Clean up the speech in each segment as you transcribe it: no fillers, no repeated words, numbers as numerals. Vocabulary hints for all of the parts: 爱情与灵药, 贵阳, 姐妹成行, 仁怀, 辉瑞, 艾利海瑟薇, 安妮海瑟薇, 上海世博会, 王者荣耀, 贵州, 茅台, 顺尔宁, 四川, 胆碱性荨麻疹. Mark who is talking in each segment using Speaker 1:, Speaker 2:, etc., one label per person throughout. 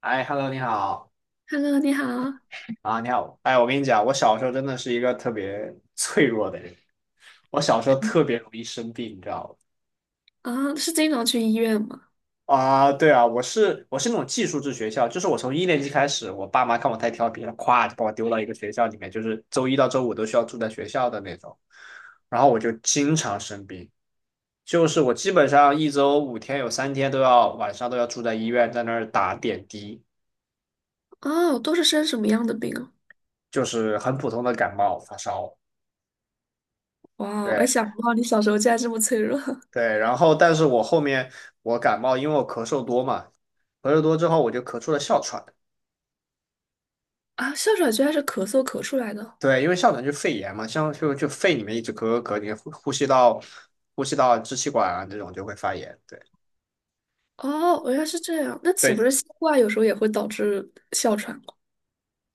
Speaker 1: 哎，Hello，你好
Speaker 2: Hello，你好。
Speaker 1: 啊，你好。哎，我跟你讲，我小时候真的是一个特别 脆弱的人，我小时候
Speaker 2: 嗯。
Speaker 1: 特别容易生病，你知道吗？
Speaker 2: 啊，是经常去医院吗？
Speaker 1: 啊，对啊，我是那种寄宿制学校，就是我从1年级开始，我爸妈看我太调皮了，咵就把我丢到一个学校里面，就是周一到周五都需要住在学校的那种，然后我就经常生病，就是我基本上一周5天有3天晚上都要住在医院，在那儿打点滴，
Speaker 2: 哦，都是生什么样的病啊？
Speaker 1: 就是很普通的感冒发烧。
Speaker 2: 哇，我
Speaker 1: 对，
Speaker 2: 还想不到你小时候竟然这么脆弱。
Speaker 1: 对，然后但是我后面，我感冒，因为我咳嗽多嘛，咳嗽多之后我就咳出了哮喘。
Speaker 2: 啊！哮喘居然是咳嗽咳出来的。
Speaker 1: 对，因为哮喘就肺炎嘛，像就肺里面一直咳咳咳，你呼吸道支气管啊这种就会发炎。对
Speaker 2: 哦，原来是这样，那岂不
Speaker 1: 对
Speaker 2: 是新冠有时候也会导致哮喘吗？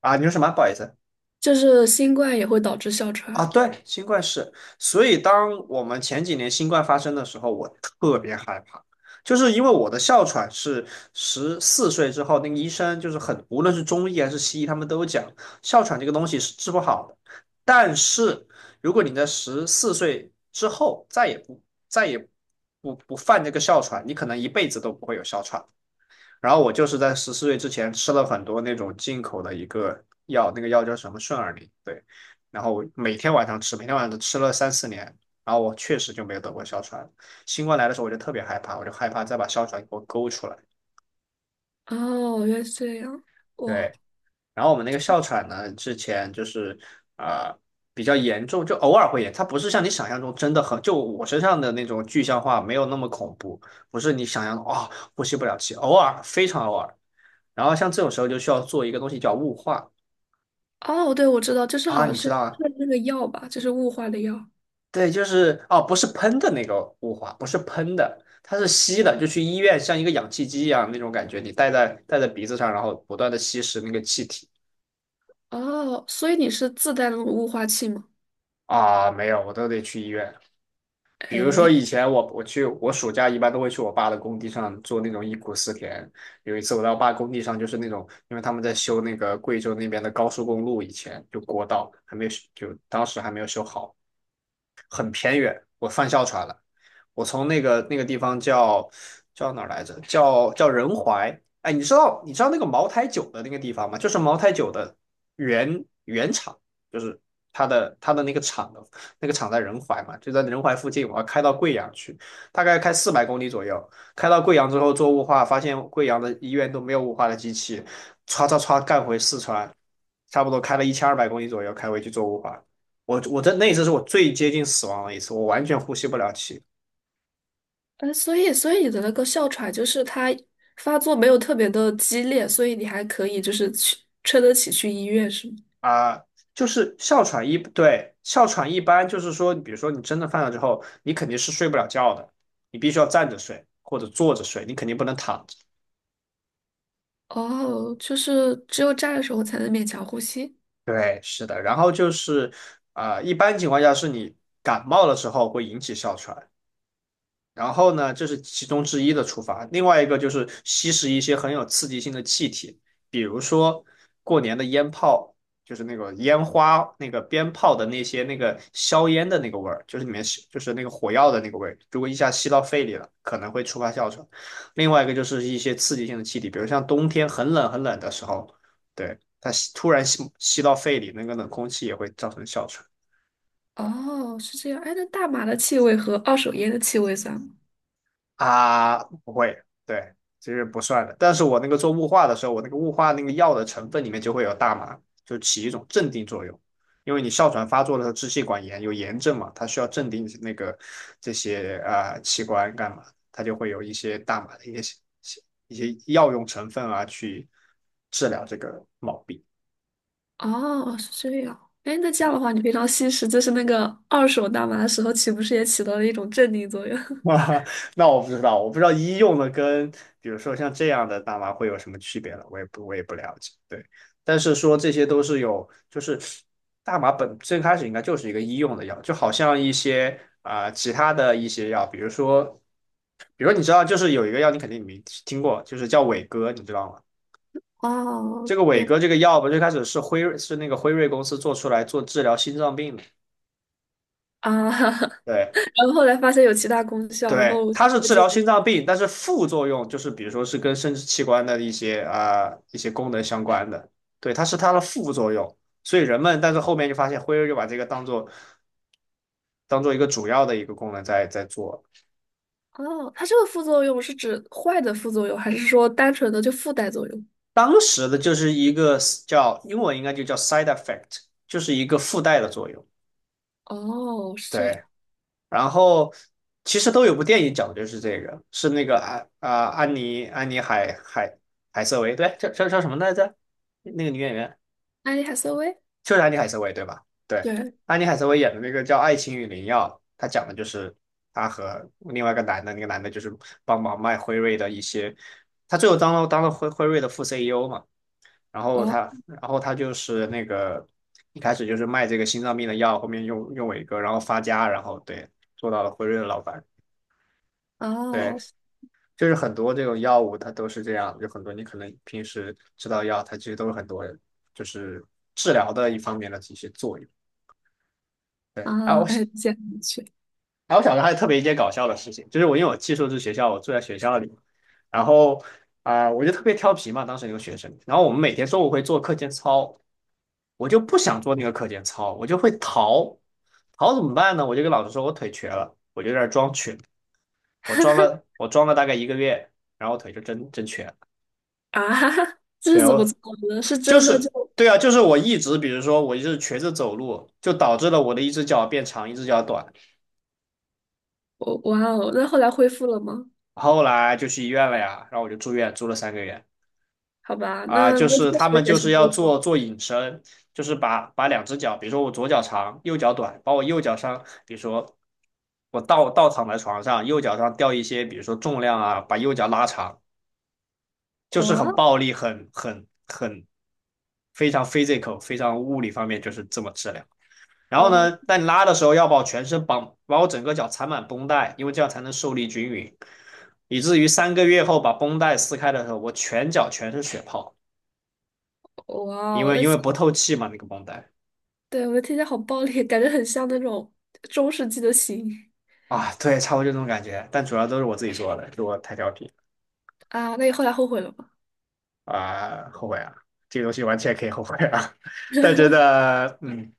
Speaker 1: 啊，你说什么？不好意思。
Speaker 2: 就是新冠也会导致哮
Speaker 1: 啊，
Speaker 2: 喘。
Speaker 1: 对，新冠是，所以当我们前几年新冠发生的时候，我特别害怕，就是因为我的哮喘是十四岁之后，那个医生就是很，无论是中医还是西医，他们都讲哮喘这个东西是治不好的，但是如果你在十四岁之后再也不犯这个哮喘，你可能一辈子都不会有哮喘。然后我就是在十四岁之前吃了很多那种进口的一个药，那个药叫什么顺尔宁，对。然后我每天晚上吃，每天晚上都吃了3、4年，然后我确实就没有得过哮喘。新冠来的时候我就特别害怕，我就害怕再把哮喘给我勾出来。
Speaker 2: 哦，原来是这样。哇。
Speaker 1: 对，然后我们那个哮喘呢，之前就是啊、呃比较严重，就偶尔会严，它不是像你想象中真的很，就我身上的那种具象化没有那么恐怖，不是你想象的呼吸不了气，偶尔非常偶尔。然后像这种时候就需要做一个东西叫雾化
Speaker 2: 哦，对，我知道，就是
Speaker 1: 啊，
Speaker 2: 好像
Speaker 1: 你知
Speaker 2: 是
Speaker 1: 道啊？
Speaker 2: 是那个药吧，就是雾化的药。
Speaker 1: 对，就是哦，不是喷的那个雾化，不是喷的，它是吸的，就去医院像一个氧气机一样那种感觉，你戴在鼻子上，然后不断的吸食那个气体
Speaker 2: 哦，所以你是自带那种雾化器吗？
Speaker 1: 啊，没有，我都得去医院。比如说以
Speaker 2: 哎。
Speaker 1: 前我去我暑假一般都会去我爸的工地上做那种忆苦思甜。有一次我到我爸工地上，就是那种因为他们在修那个贵州那边的高速公路，以前就国道还没有修就当时还没有修好，很偏远。我犯哮喘了，我从那个地方叫哪儿来着？叫仁怀。哎，你知道那个茅台酒的那个地方吗？就是茅台酒的原厂，就是它的那个厂在仁怀嘛，就在仁怀附近，我要开到贵阳去，大概开400公里左右。开到贵阳之后做雾化，发现贵阳的医院都没有雾化的机器，唰唰唰干回四川，差不多开了1200公里左右，开回去做雾化。我这那一次是我最接近死亡的一次，我完全呼吸不了气
Speaker 2: 呃，所以你的那个哮喘就是它发作没有特别的激烈，所以你还可以就是去撑得起去医院是吗？
Speaker 1: 啊。就是哮喘一，对，哮喘一般就是说，比如说你真的犯了之后，你肯定是睡不了觉的，你必须要站着睡或者坐着睡，你肯定不能躺着。
Speaker 2: 哦，就是只有站的时候才能勉强呼吸。
Speaker 1: 对，是的，然后就是，一般情况下是你感冒的时候会引起哮喘，然后呢，这是其中之一的触发，另外一个就是吸食一些很有刺激性的气体，比如说过年的烟炮，就是那个烟花、那个鞭炮的那个硝烟的那个味儿，就是里面吸就是那个火药的那个味儿。如果一下吸到肺里了，可能会触发哮喘。另外一个就是一些刺激性的气体，比如像冬天很冷很冷的时候，对，它突然吸到肺里，那个冷空气也会造成哮喘。
Speaker 2: 哦，是这样。哎，那大麻的气味和二手烟的气味算吗？
Speaker 1: 啊，不会，对，其实不算的。但是我那个做雾化的时候，我那个雾化那个药的成分里面就会有大麻，就起一种镇定作用。因为你哮喘发作的时候，支气管炎有炎症嘛，它需要镇定这些器官干嘛，它就会有一些大麻的一些药用成分啊去治疗这个毛病。
Speaker 2: 哦，是这样。哎，那这样的话，你平常吸食就是那个二手大麻的时候，岂不是也起到了一种镇定作用？
Speaker 1: 啊，那我不知道，我不知道医用的跟比如说像这样的大麻会有什么区别了，我也不了解。对，但是说这些都是有，就是大麻最开始应该就是一个医用的药，就好像一些其他的一些药，比如说，你知道，就是有一个药你肯定没听过，就是叫伟哥，你知道吗？
Speaker 2: 哦，
Speaker 1: 这个伟
Speaker 2: 对
Speaker 1: 哥这个药吧，最开始是辉瑞是那个辉瑞公司做出来做治疗心脏病的，
Speaker 2: 啊。
Speaker 1: 对。
Speaker 2: 然后后来发现有其他功效，然
Speaker 1: 对，
Speaker 2: 后就
Speaker 1: 它是治疗心脏病，但是副作用就是比如说是跟生殖器官的一些一些功能相关的，对，它是它的副作用。所以人们，但是后面就发现辉瑞就把这个当做一个主要的一个功能在做。
Speaker 2: 哦，它这个副作用是指坏的副作用，还是说单纯的就附带作用？
Speaker 1: 当时的就是一个叫英文应该就叫 side effect,就是一个附带的作用。
Speaker 2: 哦，是这
Speaker 1: 对，
Speaker 2: 样。
Speaker 1: 然后其实都有部电影讲的就是这个，是那个安妮海瑟薇，对，叫什么来着？那个女演员。
Speaker 2: 艾利海瑟薇？
Speaker 1: 就是安妮海瑟薇对吧？对，
Speaker 2: 对，
Speaker 1: 安妮海瑟薇演的那个叫《爱情与灵药》，她讲的就是她和另外一个男的，那个男的就是帮忙卖辉瑞的一些，他最后当了辉瑞的副 CEO 嘛，然后
Speaker 2: 哦。
Speaker 1: 他就是那个一开始就是卖这个心脏病的药，后面用伟哥，然后发家，然后对做到了辉瑞的老板，对。
Speaker 2: 哦。
Speaker 1: 就是很多这种药物，它都是这样，有很多你可能平时吃到药，它其实都是很多就是治疗的一方面的一些作用。对啊，
Speaker 2: 啊，
Speaker 1: 我想。
Speaker 2: 哎，这样去。
Speaker 1: 然后我小时候还特别一件搞笑的事情，就是我因为我寄宿制学校，我住在学校里，然后我就特别调皮嘛，当时那个学生。然后我们每天中午会做课间操，我就不想做那个课间操，我就会逃。逃怎么办呢？我就跟老师说我腿瘸了，我就在那儿装瘸，我装了大概1个月，然后腿就真瘸了。
Speaker 2: 啊，哈哈，日
Speaker 1: 对，
Speaker 2: 子不
Speaker 1: 我
Speaker 2: 错的，是
Speaker 1: 就
Speaker 2: 真的
Speaker 1: 是
Speaker 2: 就，
Speaker 1: 对啊，就是我一直比如说我就是瘸着走路，就导致了我的一只脚变长，一只脚短。
Speaker 2: 哦哇哦，那后来恢复了吗？
Speaker 1: 后来就去医院了呀，然后我就住院，住了3个月。
Speaker 2: 好吧，
Speaker 1: 啊，
Speaker 2: 那
Speaker 1: 就
Speaker 2: 那确
Speaker 1: 是他们
Speaker 2: 实也
Speaker 1: 就
Speaker 2: 是
Speaker 1: 是要
Speaker 2: 纠错。
Speaker 1: 做引申，就是把两只脚，比如说我左脚长，右脚短，把我右脚上，比如说我倒躺在床上，右脚上吊一些，比如说重量啊，把右脚拉长，就是很
Speaker 2: 哇
Speaker 1: 暴力，很非常 physical,非常物理方面就是这么治疗。然后呢，
Speaker 2: 哦，
Speaker 1: 在拉的时候要把我全身绑，把我整个脚缠满绷带，因为这样才能受力均匀，以至于3个月后把绷带撕开的时候，我全脚全是血泡。
Speaker 2: 哇
Speaker 1: 因
Speaker 2: 哦，
Speaker 1: 为
Speaker 2: 那
Speaker 1: 因为不透气嘛，那个绷带
Speaker 2: 对，我的天，天好暴力，感觉很像那种中世纪的刑。
Speaker 1: 啊，对，差不多就这种感觉，但主要都是我自己做的，就是我太调皮
Speaker 2: 啊，那你后来后悔了吗？
Speaker 1: 啊，后悔啊，这个东西完全可以后悔啊，但真的，嗯，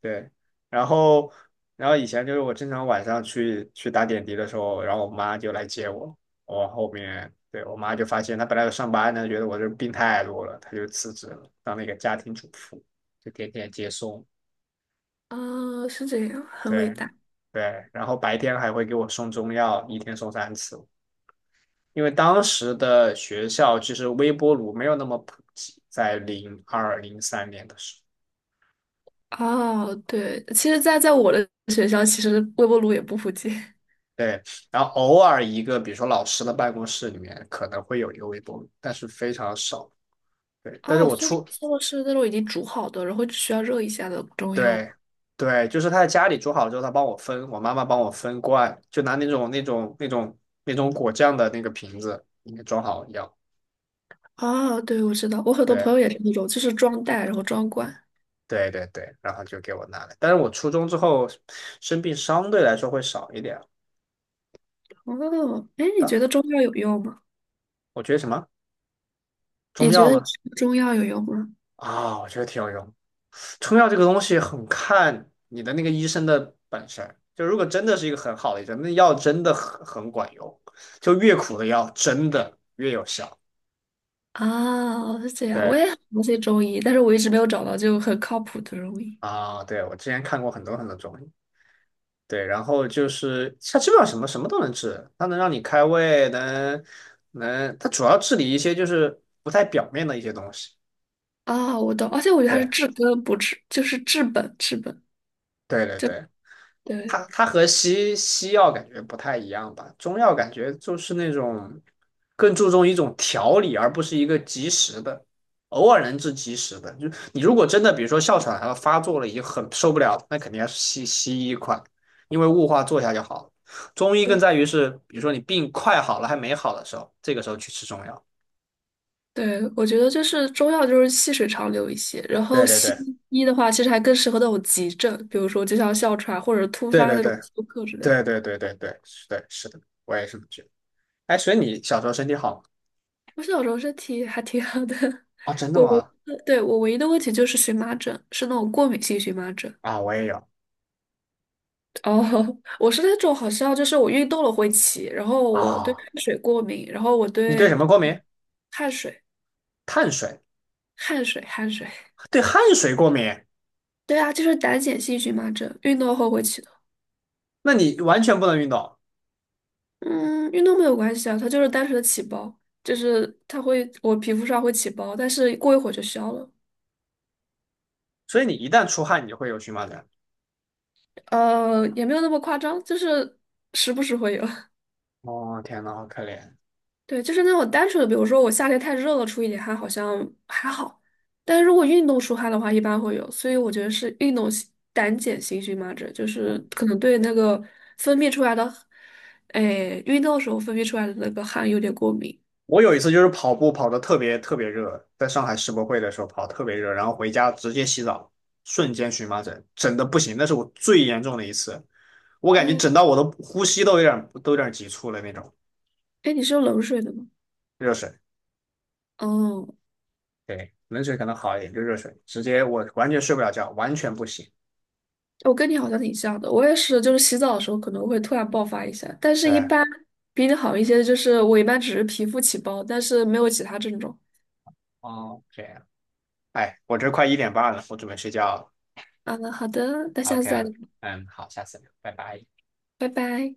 Speaker 1: 对，然后然后以前就是我经常晚上去打点滴的时候，然后我妈就来接我，我后面对我妈就发现她本来有上班呢，觉得我这病太多了，她就辞职了，当那个家庭主妇，就天天接送，
Speaker 2: 啊，是这样，很伟
Speaker 1: 对
Speaker 2: 大。
Speaker 1: 对，然后白天还会给我送中药，一天送3次。因为当时的学校其实微波炉没有那么普及，在2002、2003年的时候，
Speaker 2: 哦，对，其实在，在我的学校，其实微波炉也不普及。
Speaker 1: 对，然后偶尔一个，比如说老师的办公室里面可能会有一个微波炉，但是非常少。对，但是
Speaker 2: 哦，
Speaker 1: 我
Speaker 2: 所以
Speaker 1: 出，
Speaker 2: 做的是那种已经煮好的，然后只需要热一下的中药
Speaker 1: 对，
Speaker 2: 吧。
Speaker 1: 对，就是他在家里煮好了之后，他帮我分，我妈妈帮我分罐，就拿那种果酱的那个瓶子里面装好药。
Speaker 2: 哦，对，我知道，我很多朋
Speaker 1: 对
Speaker 2: 友也是那种，就是装袋然后装罐。
Speaker 1: 对对对，然后就给我拿来。但是我初中之后生病相对来说会少一点。
Speaker 2: 哦。哎，你觉得
Speaker 1: 但
Speaker 2: 中药有用吗？
Speaker 1: 我觉得什么？中
Speaker 2: 你觉
Speaker 1: 药
Speaker 2: 得
Speaker 1: 吗？
Speaker 2: 吃中药有用吗？
Speaker 1: 啊、我觉得挺有用。中药这个东西很看你的那个医生的本事，就如果真的是一个很好的医生，那药真的很管用，就越苦的药真的越有效。
Speaker 2: 啊，是这样，我
Speaker 1: 对
Speaker 2: 也很相信中医，但是我一直没有找到就很靠谱的中医。
Speaker 1: 啊、对，我之前看过很多很多中医，对，然后就是它基本上什么什么都能治，它能让你开胃，能，它主要治理一些就是不太表面的一些东西。
Speaker 2: 啊，我懂，而且我觉得它是
Speaker 1: 对，
Speaker 2: 治根不治，就是治本。
Speaker 1: 对对对。它
Speaker 2: 对，
Speaker 1: 它和西药感觉不太一样吧？中药感觉就是那种更注重一种调理，而不是一个及时的，偶尔能治及时的。就你如果真的比如说哮喘它发作了，已经很受不了了那肯定要是西医快，因为雾化做一下就好了。中医更
Speaker 2: 对。
Speaker 1: 在于是，比如说你病快好了还没好的时候，这个时候去吃中药。
Speaker 2: 对，我觉得就是中药就是细水长流一些，然
Speaker 1: 对
Speaker 2: 后
Speaker 1: 对
Speaker 2: 西
Speaker 1: 对
Speaker 2: 医的话，其实还更适合那种急症，比如说就像哮喘或者突
Speaker 1: 对
Speaker 2: 发
Speaker 1: 对
Speaker 2: 那种
Speaker 1: 对
Speaker 2: 休克之类。
Speaker 1: 对对对对对，是的，是的，我也是这么觉得。哎，所以你小时候身体好
Speaker 2: 我小时候身体还挺好的。
Speaker 1: 啊？哦真 的
Speaker 2: 我
Speaker 1: 吗？
Speaker 2: 对，我唯一的问题就是荨麻疹，是那种过敏性荨麻疹。
Speaker 1: 啊，我也有
Speaker 2: 哦。我是那种好像就是我运动了会起，然后我对
Speaker 1: 啊。
Speaker 2: 汗水过敏，然后我
Speaker 1: 你对
Speaker 2: 对
Speaker 1: 什么过敏？
Speaker 2: 汗水。
Speaker 1: 碳水，
Speaker 2: 汗水，汗水。
Speaker 1: 对汗水过敏，
Speaker 2: 对啊，就是胆碱性荨麻疹，运动后会起的。
Speaker 1: 那你完全不能运动，
Speaker 2: 嗯，运动没有关系啊，它就是单纯的起包，就是它会，我皮肤上会起包，但是过一会儿就消了。
Speaker 1: 所以你一旦出汗，你就会有荨麻疹。
Speaker 2: 呃，也没有那么夸张，就是时不时会有。
Speaker 1: 哦，天呐，好可怜！
Speaker 2: 对，就是那种单纯的，比如说我夏天太热了，出一点汗好像还好，但是如果运动出汗的话，一般会有。所以我觉得是运动性胆碱性荨麻疹，就是可能对那个分泌出来的，哎，运动时候分泌出来的那个汗有点过敏。
Speaker 1: 我有一次就是跑步跑得特别特别热，在上海世博会的时候跑得特别热，然后回家直接洗澡，瞬间荨麻疹，整的不行，那是我最严重的一次，我感觉
Speaker 2: 哦。
Speaker 1: 整到我的呼吸都有点急促了那种。
Speaker 2: 哎，你是用冷水的吗？
Speaker 1: 热水，
Speaker 2: 哦。
Speaker 1: 对，冷水可能好一点，就热水，直接我完全睡不了觉，完全不行。
Speaker 2: 我跟你好像挺像的，我也是，就是洗澡的时候可能会突然爆发一下，但是一
Speaker 1: 对，
Speaker 2: 般比你好一些，就是我一般只是皮肤起包，但是没有其他症状。
Speaker 1: 哦，这样。哎，我这快1点半了，我准备睡觉了。
Speaker 2: 啊，好的，那下次再
Speaker 1: OK,
Speaker 2: 聊，
Speaker 1: 嗯，好，下次聊，拜拜。
Speaker 2: 拜拜。